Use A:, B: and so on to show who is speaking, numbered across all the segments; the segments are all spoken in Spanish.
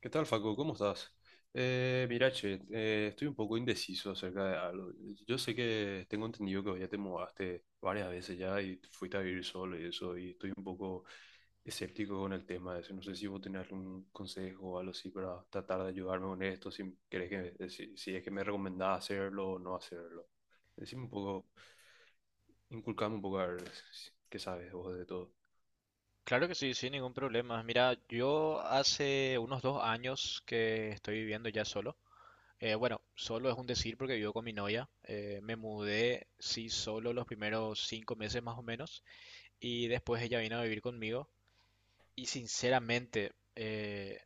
A: ¿Qué tal, Facu? ¿Cómo estás? Mira, che, estoy un poco indeciso acerca de algo. Yo sé que tengo entendido que vos ya te mudaste varias veces ya y fuiste a vivir solo y eso, y estoy un poco escéptico con el tema de eso. No sé si vos tenés algún consejo o algo así para tratar de ayudarme con esto, si querés que, si, si es que me recomendás hacerlo o no hacerlo. Decime un poco, inculcame un poco a ver qué sabes vos de todo.
B: Claro que sí, sin ningún problema. Mira, yo hace unos dos años que estoy viviendo ya solo. Bueno, solo es un decir porque vivo con mi novia. Me mudé, sí, solo los primeros cinco meses más o menos. Y después ella vino a vivir conmigo. Y sinceramente,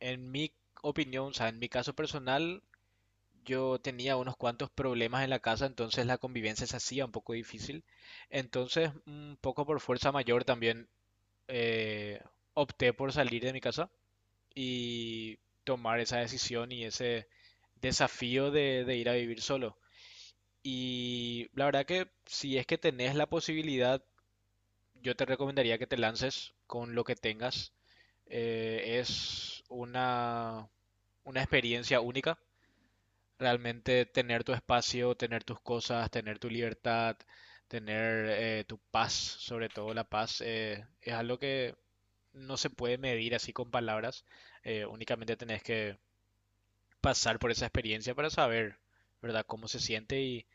B: en mi opinión, o sea, en mi caso personal, yo tenía unos cuantos problemas en la casa, entonces la convivencia se hacía un poco difícil. Entonces, un poco por fuerza mayor también eh, opté por salir de mi casa y tomar esa decisión y ese desafío de ir a vivir solo. Y la verdad que si es que tenés la posibilidad, yo te recomendaría que te lances con lo que tengas. Es una experiencia única. Realmente tener tu espacio, tener tus cosas, tener tu libertad, tener tu paz, sobre todo la paz, es algo que no se puede medir así con palabras, únicamente tenés que pasar por esa experiencia para saber, ¿verdad?, cómo se siente y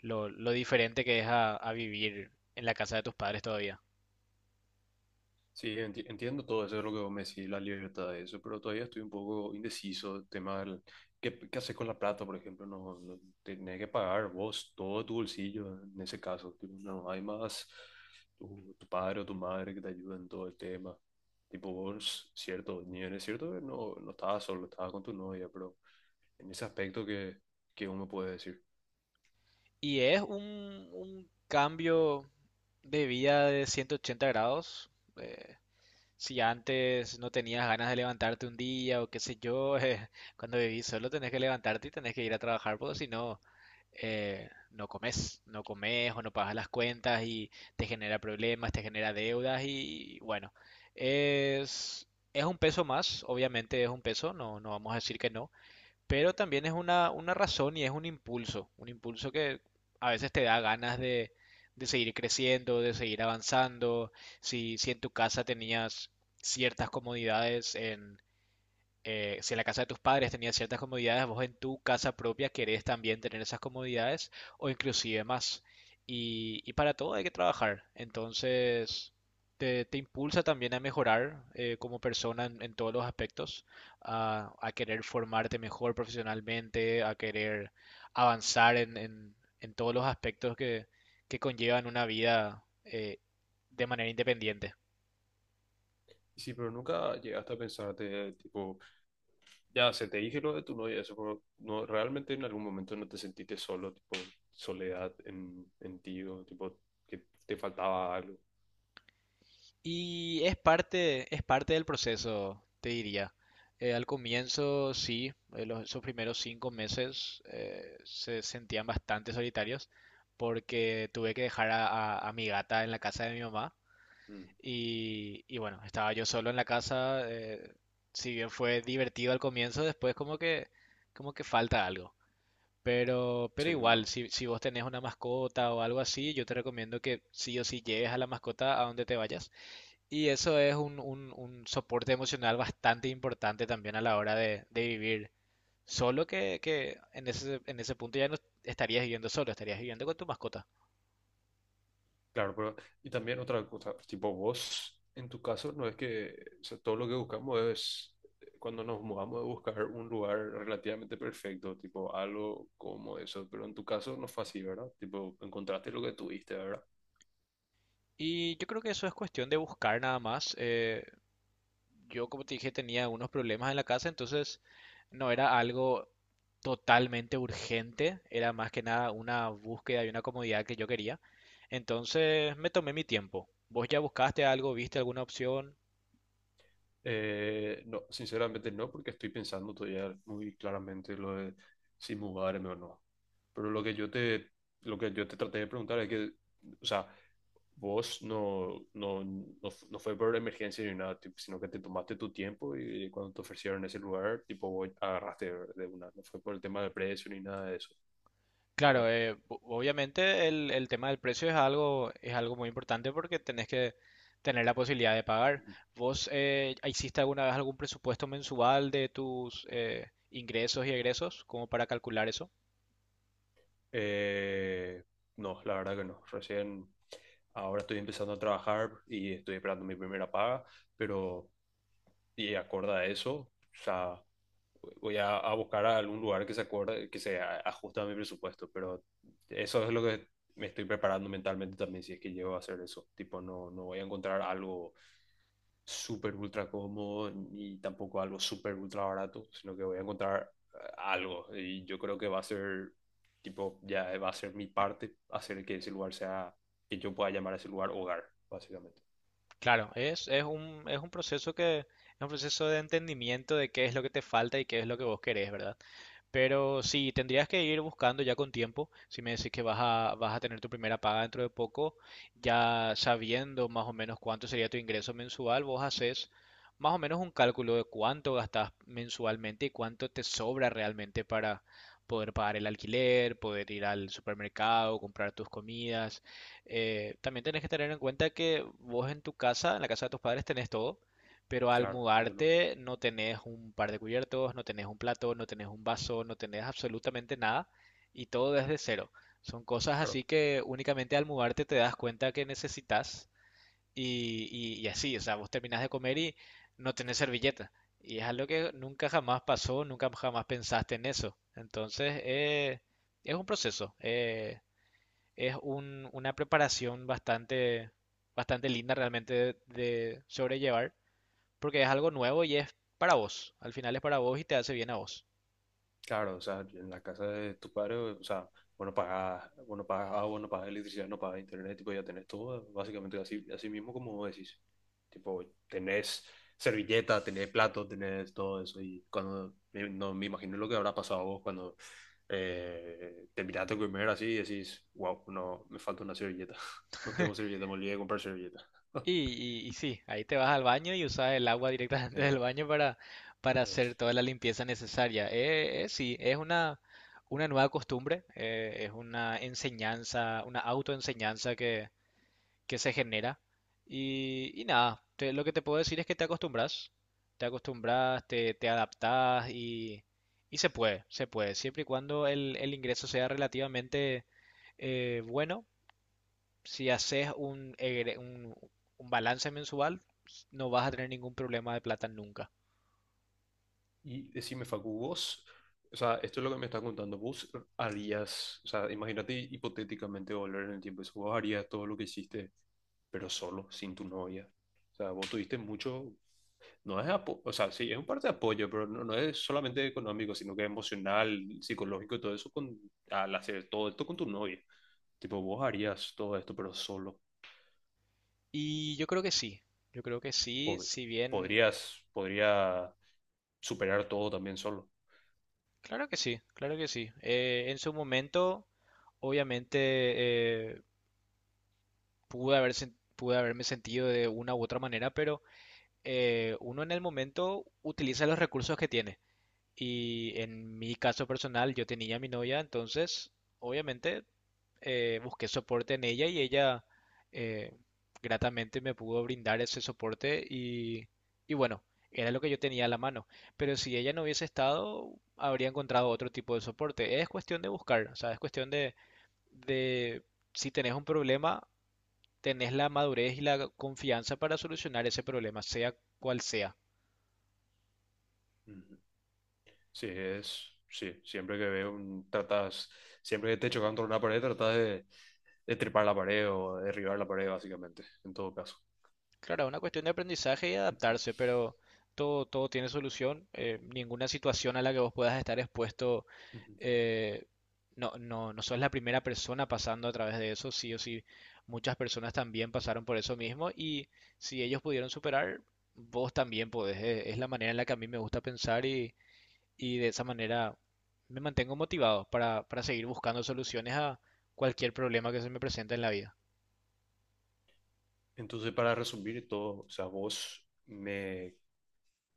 B: lo diferente que es a vivir en la casa de tus padres todavía.
A: Sí, entiendo todo eso, es lo que vos me decís, la libertad de eso, pero todavía estoy un poco indeciso, tema del, ¿qué, qué haces con la plata, por ejemplo? No, no, tenés que pagar vos todo tu bolsillo en ese caso, tipo, no hay más tu padre o tu madre que te ayuden en todo el tema, tipo vos, cierto, ni es cierto que no, no estabas solo, estabas con tu novia, pero en ese aspecto que uno puede decir.
B: Y es un cambio de vida de 180 grados. eh, Si antes no tenías ganas de levantarte un día o qué sé yo, cuando vivís solo tenés que levantarte y tenés que ir a trabajar porque si no, no comes, no comes o no pagas las cuentas y te genera problemas, te genera deudas y bueno, es, es un peso más, obviamente es un peso, no, no vamos a decir que no, pero también es una razón y es un impulso que a veces te da ganas de seguir creciendo, de seguir avanzando, si en tu casa tenías ciertas comodidades si en la casa de tus padres tenías ciertas comodidades, vos en tu casa propia querés también tener esas comodidades o inclusive más. Y para todo hay que trabajar. Entonces, te impulsa también a mejorar como persona en todos los aspectos, a querer formarte mejor profesionalmente, a querer avanzar en todos los aspectos que conllevan una vida de manera independiente.
A: Y sí, pero nunca llegaste a pensarte, tipo... Ya, se te dije lo de tu novia, eso como, no, realmente en algún momento no te sentiste solo, tipo, soledad en ti, o tipo, que te faltaba algo.
B: Y es parte del proceso, te diría. Al comienzo, sí, esos primeros cinco meses se sentían bastante solitarios porque tuve que dejar a mi gata en la casa de mi mamá,
A: Mm,
B: y bueno, estaba yo solo en la casa. Si bien fue divertido al comienzo, después como que falta algo. Pero
A: sí,
B: igual,
A: uno,
B: si vos tenés una mascota o algo así, yo te recomiendo que sí o sí lleves a la mascota a donde te vayas, y eso es un soporte emocional bastante importante también a la hora de vivir solo, que en en ese punto ya no estarías viviendo solo, estarías viviendo con tu mascota.
A: claro, pero, y también otra cosa, tipo, vos, en tu caso, no es que, o sea, todo lo que buscamos es, cuando nos mudamos, de buscar un lugar relativamente perfecto, tipo, algo como eso, pero en tu caso no fue así, ¿verdad? Tipo, encontraste lo que tuviste, ¿verdad?
B: Y yo creo que eso es cuestión de buscar nada más. Yo, como te dije, tenía unos problemas en la casa, entonces no era algo totalmente urgente, era más que nada una búsqueda y una comodidad que yo quería. Entonces me tomé mi tiempo. ¿Vos ya buscaste algo, viste alguna opción?
A: No, sinceramente no, porque estoy pensando todavía muy claramente lo de si mudarme o no. Pero lo que yo te traté de preguntar es que, o sea, vos no, no, no fue por emergencia ni nada, tipo, sino que te tomaste tu tiempo y cuando te ofrecieron ese lugar, tipo, vos agarraste de una. No fue por el tema de precio ni nada de eso,
B: Claro,
A: ¿verdad?
B: obviamente el tema del precio es algo muy importante porque tenés que tener la posibilidad de pagar.
A: Ujú.
B: ¿Vos hiciste alguna vez algún presupuesto mensual de tus ingresos y egresos como para calcular eso?
A: Eh, no, la verdad que no. Recién, ahora estoy empezando a trabajar y estoy esperando mi primera paga, pero y acorde a eso, o sea, a buscar a algún lugar que se acorde, que ajuste a mi presupuesto, pero eso es lo que me estoy preparando mentalmente también si es que llego a hacer eso. Tipo, no, no voy a encontrar algo súper ultra cómodo ni tampoco algo súper ultra barato, sino que voy a encontrar algo y yo creo que va a ser, tipo, ya va a ser mi parte hacer que ese lugar sea, que yo pueda llamar a ese lugar hogar, básicamente.
B: Claro, es un proceso que, es un proceso de entendimiento de qué es lo que te falta y qué es lo que vos querés, ¿verdad? Pero sí, tendrías que ir buscando ya con tiempo. Si me decís que vas vas a tener tu primera paga dentro de poco, ya sabiendo más o menos cuánto sería tu ingreso mensual, vos haces más o menos un cálculo de cuánto gastas mensualmente y cuánto te sobra realmente para poder pagar el alquiler, poder ir al supermercado, comprar tus comidas. También tenés que tener en cuenta que vos en tu casa, en la casa de tus padres, tenés todo. Pero al
A: Claro, yo no,
B: mudarte no tenés un par de cubiertos, no tenés un plato, no tenés un vaso, no tenés absolutamente nada y todo desde cero. Son cosas
A: claro.
B: así que únicamente al mudarte te das cuenta que necesitas, y así, o sea, vos terminás de comer y no tenés servilleta. Y es algo que nunca jamás pasó, nunca jamás pensaste en eso. Entonces, es un proceso, es una preparación bastante, bastante linda realmente de sobrellevar porque es algo nuevo y es para vos. Al final es para vos y te hace bien a vos.
A: Claro, o sea, en la casa de tu padre, o sea, bueno, pagas agua, no pagas electricidad, no pagas internet, tipo, ya tenés todo, básicamente así, así mismo como vos decís. Tipo, tenés servilleta, tenés plato, tenés todo eso. Y cuando, no me imagino lo que habrá pasado a vos cuando te miraste a comer así y decís, wow, no, me falta una servilleta. No tengo servilleta, me olvidé de comprar servilleta.
B: Y sí, ahí te vas al baño y usas el agua directamente del baño para hacer
A: Eh,
B: toda la limpieza necesaria. Sí, es una nueva costumbre, es una enseñanza, una autoenseñanza que se genera. Nada, lo que te puedo decir es que te acostumbras, te acostumbras, te adaptas y se puede, siempre y cuando el ingreso sea relativamente bueno. Si haces un balance mensual, no vas a tener ningún problema de plata nunca.
A: Y decime, Facu, vos, o sea, esto es lo que me estás contando, vos harías, o sea, imagínate hipotéticamente volver en el tiempo, eso, vos harías todo lo que hiciste, pero solo, sin tu novia. O sea, vos tuviste mucho, no es apo- o sea, sí, es un parte de apoyo, pero no, no es solamente económico, sino que emocional, psicológico y todo eso, con, al hacer todo esto con tu novia. Tipo, vos harías todo esto, pero solo.
B: Y yo creo que sí, yo creo que sí,
A: Pod-
B: si bien,
A: Podrías, podría superar todo también solo.
B: claro que sí, claro que sí. En su momento, obviamente, eh, pude haberme sentido de una u otra manera, pero uno en el momento utiliza los recursos que tiene. Y en mi caso personal, yo tenía a mi novia, entonces obviamente busqué soporte en ella y ella eh, gratamente me pudo brindar ese soporte y bueno, era lo que yo tenía a la mano. Pero si ella no hubiese estado, habría encontrado otro tipo de soporte. Es cuestión de buscar, o sea, es cuestión de si tenés un problema, tenés la madurez y la confianza para solucionar ese problema, sea cual sea.
A: Sí, es, sí, siempre que veo un, tratas, siempre que te chocas contra una pared, tratas de trepar la pared o derribar la pared, básicamente, en todo caso.
B: Claro, es una cuestión de aprendizaje y
A: Ujú,
B: adaptarse, pero todo, todo tiene solución. Ninguna situación a la que vos puedas estar expuesto,
A: ujú.
B: eh, no sos la primera persona pasando a través de eso, sí o sí. Muchas personas también pasaron por eso mismo y si ellos pudieron superar, vos también podés. Es la manera en la que a mí me gusta pensar, y de esa manera me mantengo motivado para seguir buscando soluciones a cualquier problema que se me presente en la vida.
A: Entonces, para resumir todo, o sea, vos me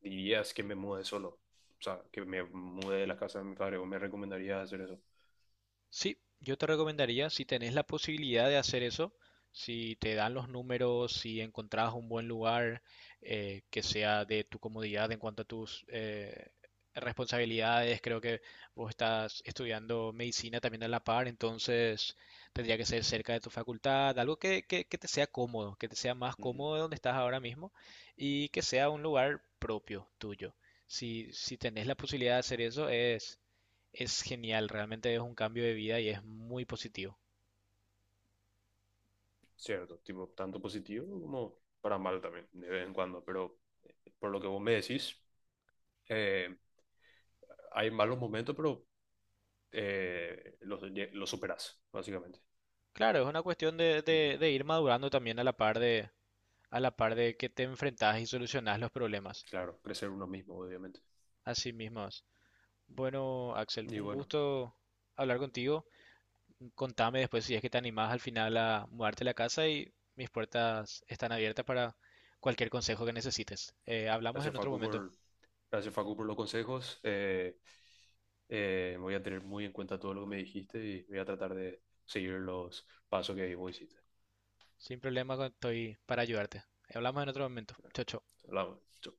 A: dirías que me mude solo, o sea, que me mude de la casa de mi padre, o me recomendarías hacer eso.
B: Sí, yo te recomendaría, si tenés la posibilidad de hacer eso, si te dan los números, si encontrás un buen lugar que sea de tu comodidad en cuanto a tus responsabilidades, creo que vos estás estudiando medicina también a la par, entonces tendría que ser cerca de tu facultad, algo que te sea cómodo, que te sea más
A: Ujú.
B: cómodo de donde estás ahora mismo y que sea un lugar propio tuyo. Si, si tenés la posibilidad de hacer eso, es genial, realmente es un cambio de vida y es muy positivo.
A: Cierto, tipo, tanto positivo como para mal también, de vez en cuando, pero por lo que vos me decís, eh, hay malos momentos, pero eh, los, los superás, básicamente.
B: Claro, es una cuestión
A: Ujú.
B: de ir madurando también a la par de, a la par de que te enfrentas y solucionas los problemas.
A: Claro, crecer uno mismo, obviamente.
B: Así mismo es. Bueno, Axel,
A: Y
B: un
A: bueno,
B: gusto hablar contigo. Contame después si es que te animás al final a mudarte a la casa y mis puertas están abiertas para cualquier consejo que necesites. Hablamos
A: gracias
B: en otro
A: Facu
B: momento.
A: por, gracias Facu por los consejos. Voy a tener muy en cuenta todo lo que me dijiste y voy a tratar de seguir los pasos que vos hiciste.
B: Sin problema, estoy para ayudarte. Hablamos en otro momento. Chau, chau.
A: Hablamos. Chau.